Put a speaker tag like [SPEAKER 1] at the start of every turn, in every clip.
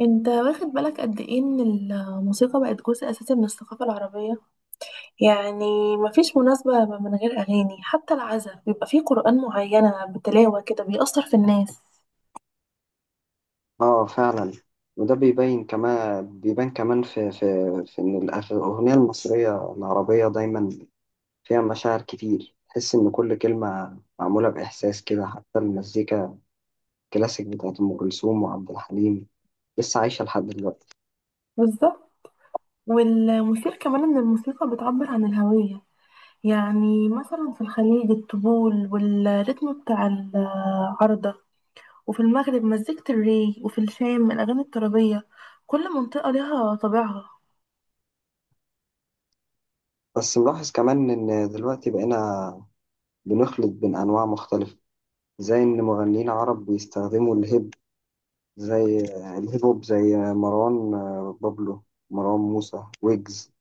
[SPEAKER 1] انت واخد بالك قد ايه ان الموسيقى بقت جزء اساسي من الثقافة العربية؟ يعني مفيش مناسبة من غير اغاني، حتى العزاء بيبقى فيه قرآن معينة بتلاوة كده بيأثر في الناس.
[SPEAKER 2] اه، فعلا. وده بيبين كمان بيبان كمان في ان الاغنيه المصريه العربيه دايما فيها مشاعر كتير. تحس ان كل كلمه معموله باحساس كده، حتى المزيكا الكلاسيك بتاعت ام كلثوم وعبد الحليم لسه عايشه لحد دلوقتي.
[SPEAKER 1] بالظبط، والمثير كمان ان الموسيقى بتعبر عن الهوية. يعني مثلا في الخليج الطبول والريتم بتاع العارضة، وفي المغرب مزيكة الري، وفي الشام الأغاني الترابية، كل منطقة ليها طابعها.
[SPEAKER 2] بس ملاحظ كمان ان دلوقتي بقينا بنخلط بين انواع مختلفه، زي ان مغنيين عرب بيستخدموا زي الهيب هوب، زي مروان بابلو، مروان موسى، ويجز،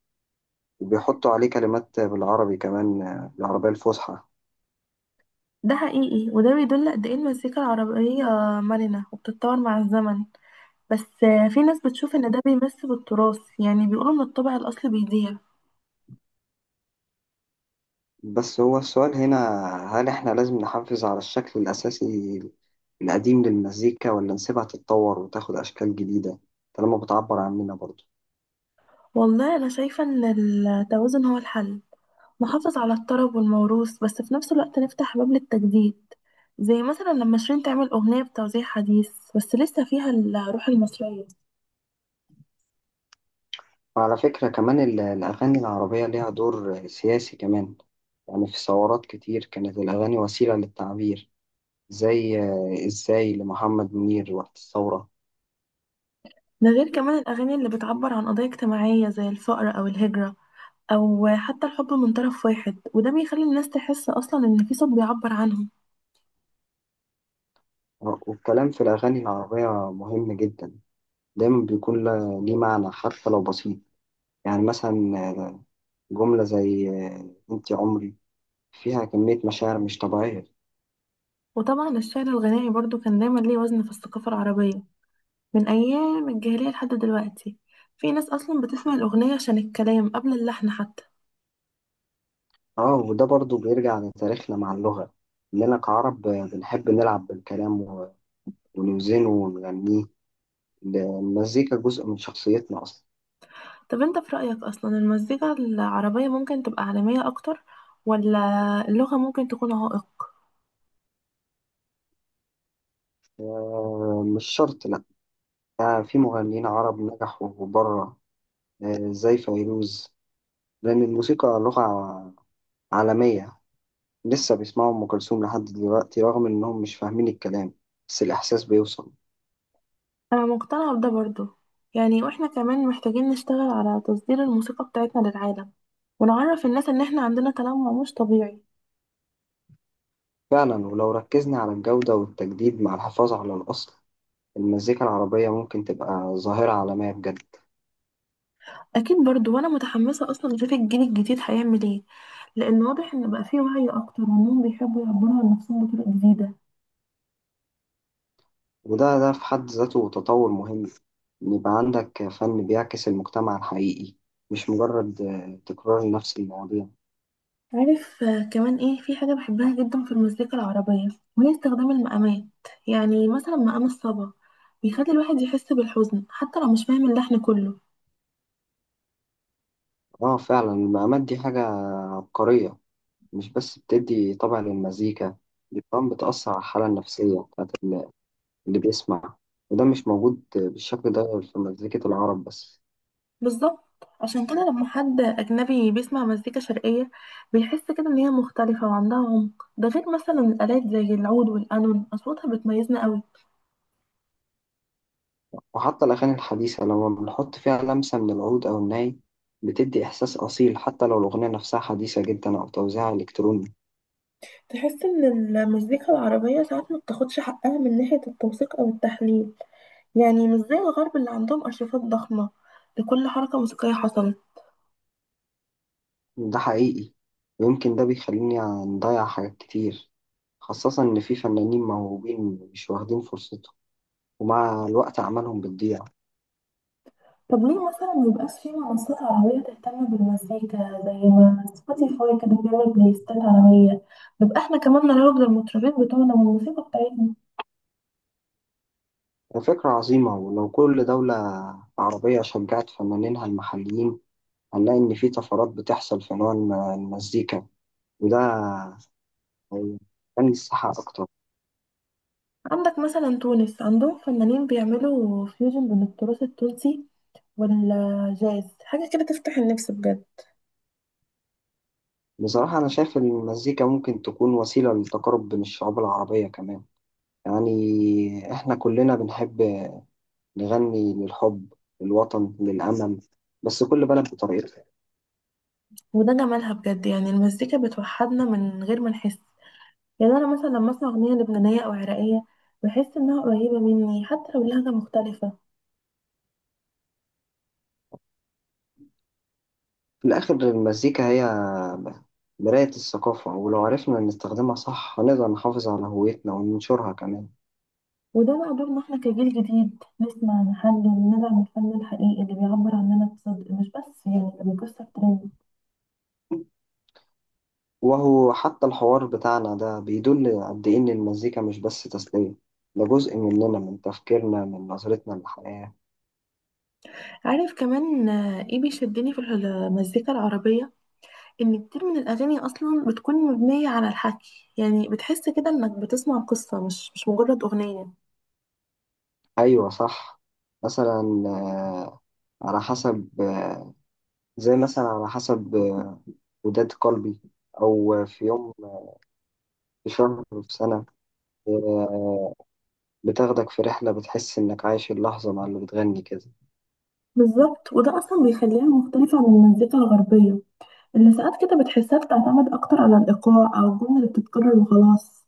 [SPEAKER 2] وبيحطوا عليه كلمات بالعربي كمان، العربية الفصحى.
[SPEAKER 1] ده حقيقي، وده بيدل قد ايه المزيكا العربية مرنة وبتتطور مع الزمن، بس في ناس بتشوف ان ده بيمس بالتراث، يعني بيقولوا ان الطبع الاصلي بيضيع.
[SPEAKER 2] بس هو السؤال هنا، هل احنا لازم نحافظ على الشكل الأساسي القديم للمزيكا ولا نسيبها تتطور وتاخد أشكال جديدة طالما بتعبر عننا برضه؟
[SPEAKER 1] والله انا شايفة ان التوازن هو الحل، نحافظ على الطرب والموروث بس في نفس الوقت نفتح باب للتجديد، زي مثلا لما شيرين تعمل اغنية بتوزيع حديث بس لسه فيها الروح المصرية.
[SPEAKER 2] وعلى فكرة كمان الأغاني العربية ليها دور سياسي كمان. يعني في ثورات كتير كانت الأغاني وسيلة للتعبير، زي إزاي لمحمد منير وقت الثورة.
[SPEAKER 1] ده غير كمان الاغاني اللي بتعبر عن قضايا اجتماعية زي الفقر او الهجرة، او حتى الحب من طرف واحد، وده بيخلي الناس تحس اصلا ان في صوت بيعبر عنهم.
[SPEAKER 2] والكلام في الأغاني العربية مهم جدا، دايما بيكون ليه معنى حتى لو بسيط. يعني مثلا، جملة زي أنت عمري فيها كمية مشاعر مش طبيعية.
[SPEAKER 1] وطبعا الشعر الغنائي برضو كان دايما ليه وزن في الثقافة العربية، من ايام الجاهلية لحد دلوقتي، في ناس اصلا بتسمع الاغنية عشان الكلام قبل اللحن حتى.
[SPEAKER 2] آه، وده برضو بيرجع لتاريخنا مع اللغة، إننا كعرب بنحب نلعب بالكلام ونوزنه ونغنيه. المزيكا جزء من شخصيتنا أصلا.
[SPEAKER 1] طب انت في رأيك اصلا المزيكا العربية ممكن تبقى عالمية اكتر، ولا اللغة ممكن تكون عائق؟
[SPEAKER 2] مش شرط، لأ. في مغنيين عرب نجحوا بره، زي فيروز، لأن الموسيقى لغة عالمية. لسه بيسمعوا أم كلثوم لحد دلوقتي رغم إنهم مش فاهمين الكلام، بس الإحساس بيوصل.
[SPEAKER 1] انا مقتنعة بده برضو، يعني واحنا كمان محتاجين نشتغل على تصدير الموسيقى بتاعتنا للعالم، ونعرف الناس ان احنا عندنا تنوع مش طبيعي.
[SPEAKER 2] فعلا، ولو ركزنا على الجودة والتجديد مع الحفاظ على الأصل، المزيكا العربية ممكن تبقى ظاهرة عالمية بجد.
[SPEAKER 1] اكيد برضو، وانا متحمسه اصلا اشوف الجيل الجديد هيعمل ايه، لان واضح ان بقى فيه وعي اكتر وانهم بيحبوا يعبروا عن نفسهم بطرق جديده.
[SPEAKER 2] وده في حد ذاته تطور مهم، إن يبقى عندك فن بيعكس المجتمع الحقيقي، مش مجرد تكرار لنفس المواضيع.
[SPEAKER 1] عارف كمان ايه في حاجه بحبها جدا في المزيكا العربيه، وهي استخدام المقامات. يعني مثلا مقام الصبا بيخلي الواحد يحس بالحزن حتى لو مش فاهم اللحن كله.
[SPEAKER 2] اه فعلا، المقامات دي حاجة عبقرية. مش بس بتدي طبع للمزيكا، دي كمان بتأثر على الحالة النفسية بتاعت اللي بيسمع. وده مش موجود بالشكل ده في مزيكة العرب بس.
[SPEAKER 1] بالظبط، عشان كده لما حد اجنبي بيسمع مزيكا شرقيه بيحس كده ان هي مختلفه وعندها عمق، ده غير مثلا الالات زي العود والقانون اصواتها بتميزنا قوي.
[SPEAKER 2] وحتى الأغاني الحديثة لما بنحط فيها لمسة من العود أو الناي بتدي إحساس أصيل، حتى لو الأغنية نفسها حديثة جدا أو توزيعها إلكتروني.
[SPEAKER 1] تحس ان المزيكا العربية ساعات ما بتاخدش حقها من ناحية التوثيق او التحليل، يعني مش زي الغرب اللي عندهم ارشيفات ضخمة لكل حركة موسيقية حصلت.
[SPEAKER 2] ده حقيقي، ويمكن ده بيخليني نضيع حاجات كتير، خاصة إن في فنانين موهوبين مش واخدين فرصتهم، ومع الوقت أعمالهم بتضيع.
[SPEAKER 1] طب ليه مثلا ميبقاش في منصات عربية تهتم بالمزيكا زي ما سبوتيفاي كده بيعمل بلاي ليستات عربية، نبقى احنا كمان نروج للمطربين بتوعنا والموسيقى بتاعتنا.
[SPEAKER 2] فكرة عظيمة، ولو كل دولة عربية شجعت فنانينها المحليين، هنلاقي إن في طفرات بتحصل في نوع المزيكا، وده هيخلي الساحة أكتر.
[SPEAKER 1] عندك مثلا تونس عندهم فنانين بيعملوا فيوجن بين التراث التونسي والجاز، حاجة كده تفتح النفس بجد.
[SPEAKER 2] بصراحة أنا شايف إن المزيكا ممكن تكون وسيلة للتقارب بين الشعوب العربية كمان. يعني إحنا كلنا بنحب نغني للحب، للوطن، للأمل، بس كل بلد بطريقتها.
[SPEAKER 1] وده جمالها بجد، يعني المزيكا بتوحدنا من غير ما نحس. يعني انا مثلا لما اسمع اغنيه لبنانيه او عراقيه بحس انها قريبه مني حتى لو لهجه مختلفه.
[SPEAKER 2] في الآخر المزيكا هي مراية الثقافة، ولو عرفنا نستخدمها صح هنقدر نحافظ على هويتنا وننشرها كمان.
[SPEAKER 1] وده بقى دورنا احنا كجيل جديد، نسمع، نحلل، ندعم الفن الحقيقي اللي بيعبر عننا بصدق، مش بس يعني اللي بيكسر ترند.
[SPEAKER 2] وهو حتى الحوار بتاعنا ده بيدل قد إيه إن المزيكا مش بس تسلية، ده جزء مننا، من تفكيرنا، من نظرتنا للحياة.
[SPEAKER 1] عارف كمان ايه بيشدني في المزيكا العربيه، ان كتير من الاغاني اصلا بتكون مبنيه على الحكي، يعني بتحس كده انك بتسمع قصه مش مجرد اغنيه.
[SPEAKER 2] ايوه صح. مثلا آه، على حسب آه، زي مثلا على حسب وداد قلبي، او في يوم، في شهر، في سنه. آه، بتاخدك في رحله، بتحس انك عايش اللحظه مع اللي بتغني كده.
[SPEAKER 1] بالظبط، وده أصلا بيخليها مختلفة عن المزيكا الغربية اللي ساعات كده بتحسها بتعتمد أكتر على الإيقاع أو الجملة اللي بتتكرر وخلاص.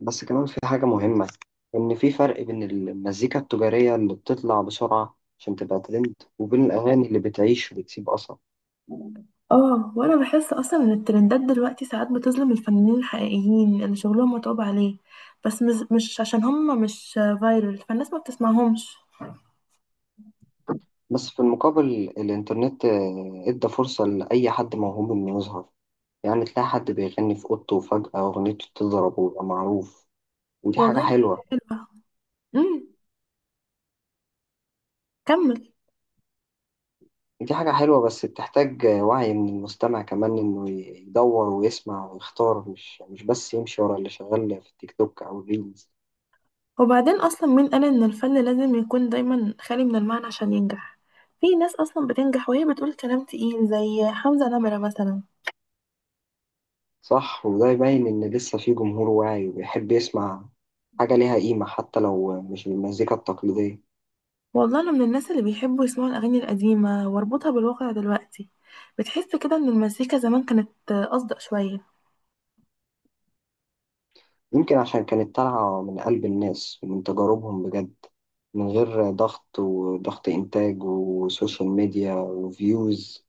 [SPEAKER 2] بس كمان في حاجه مهمه، ان في فرق بين المزيكا التجاريه اللي بتطلع بسرعه عشان تبقى ترند، وبين الاغاني اللي بتعيش وبتسيب اثر.
[SPEAKER 1] اه، وانا بحس اصلا ان الترندات دلوقتي ساعات بتظلم الفنانين الحقيقيين اللي شغلهم متعوب عليه، بس مش عشان هم مش فايرل فالناس ما بتسمعهمش.
[SPEAKER 2] بس في المقابل، الانترنت ادى فرصه لاي حد موهوب انه يظهر. يعني تلاقي حد بيغني في أوضته وفجأة أغنيته تضرب ويبقى معروف. ودي حاجة
[SPEAKER 1] والله دي حاجة
[SPEAKER 2] حلوة.
[SPEAKER 1] حلوة. امم كمل.
[SPEAKER 2] دي حاجة حلوة بس بتحتاج وعي من المستمع كمان، إنه يدور ويسمع ويختار، مش بس يمشي ورا اللي شغال في التيك توك أو الريلز.
[SPEAKER 1] وبعدين اصلا مين قال ان الفن لازم يكون دايما خالي من المعنى عشان ينجح؟ في ناس اصلا بتنجح وهي بتقول كلام تقيل زي حمزة نمرة مثلا.
[SPEAKER 2] صح، وده يبين إن لسه في جمهور واعي وبيحب يسمع حاجة ليها قيمة، حتى لو مش بالمزيكا التقليدية.
[SPEAKER 1] والله انا من الناس اللي بيحبوا يسمعوا الاغاني القديمه واربطها بالواقع دلوقتي، بتحس كده ان المزيكا زمان كانت اصدق شويه.
[SPEAKER 2] يمكن عشان كانت طالعة من قلب الناس ومن تجاربهم بجد، من غير ضغط وضغط إنتاج وسوشيال ميديا وفيوز.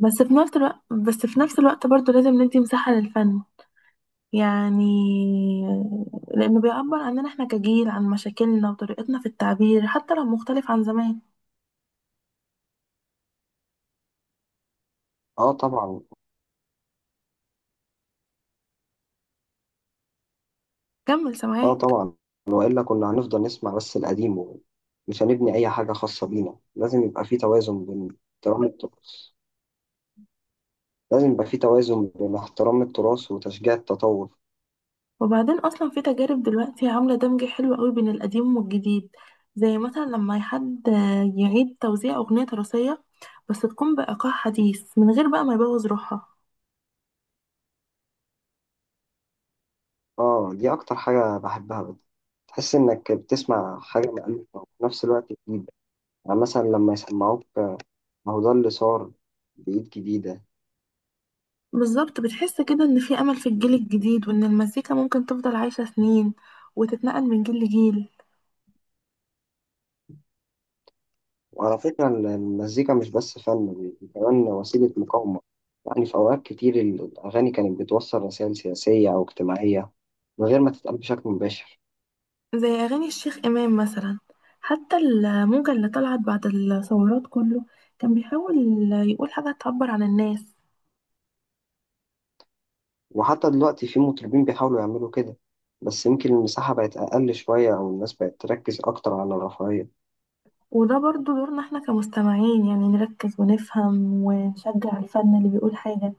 [SPEAKER 1] بس في نفس الوقت برضو لازم ندي مساحه للفن، يعني لانه بيعبر عننا احنا كجيل، عن مشاكلنا وطريقتنا في التعبير حتى لو مختلف عن زمان.
[SPEAKER 2] اه طبعا.
[SPEAKER 1] كمل
[SPEAKER 2] اه
[SPEAKER 1] سامعاك.
[SPEAKER 2] طبعا، والا كنا هنفضل نسمع بس القديم ومش هنبني اي حاجه خاصه بينا. لازم يبقى في توازن بين احترام التراث وتشجيع التطور.
[SPEAKER 1] وبعدين اصلا في تجارب دلوقتي عامله دمج حلو قوي بين القديم والجديد، زي مثلا لما حد يعيد توزيع اغنيه تراثيه بس تكون بايقاع حديث من غير بقى ما يبوظ روحها.
[SPEAKER 2] اه، دي اكتر حاجه بحبها بجد. تحس انك بتسمع حاجه مألوفه وفي نفس الوقت جديده. يعني مثلا لما يسمعوك، ما هو ده اللي صار بإيد جديده.
[SPEAKER 1] بالظبط، بتحس كده ان في امل في الجيل الجديد، وان المزيكا ممكن تفضل عايشه سنين وتتنقل من جيل لجيل.
[SPEAKER 2] وعلى فكرة المزيكا مش بس فن، دي كمان وسيلة مقاومة. يعني في أوقات كتير الأغاني كانت بتوصل رسائل سياسية أو اجتماعية من غير ما تتقال بشكل مباشر.
[SPEAKER 1] زي اغاني الشيخ امام مثلا، حتى الموجه اللي طلعت بعد الثورات كله كان بيحاول يقول حاجه تعبر عن الناس.
[SPEAKER 2] وحتى دلوقتي في مطربين بيحاولوا يعملوا كده، بس يمكن المساحة بقت أقل شوية أو الناس بقت تركز أكتر على الرفاهية.
[SPEAKER 1] وده برضو دورنا احنا كمستمعين، يعني نركز ونفهم ونشجع الفن اللي بيقول حاجة،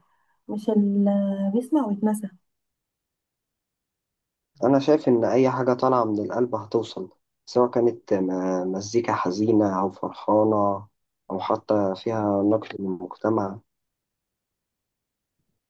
[SPEAKER 1] مش اللي بيسمع ويتنسى.
[SPEAKER 2] أنا شايف إن أي حاجة طالعة من القلب هتوصل، سواء كانت مزيكا حزينة أو فرحانة، أو حتى فيها نقد للمجتمع.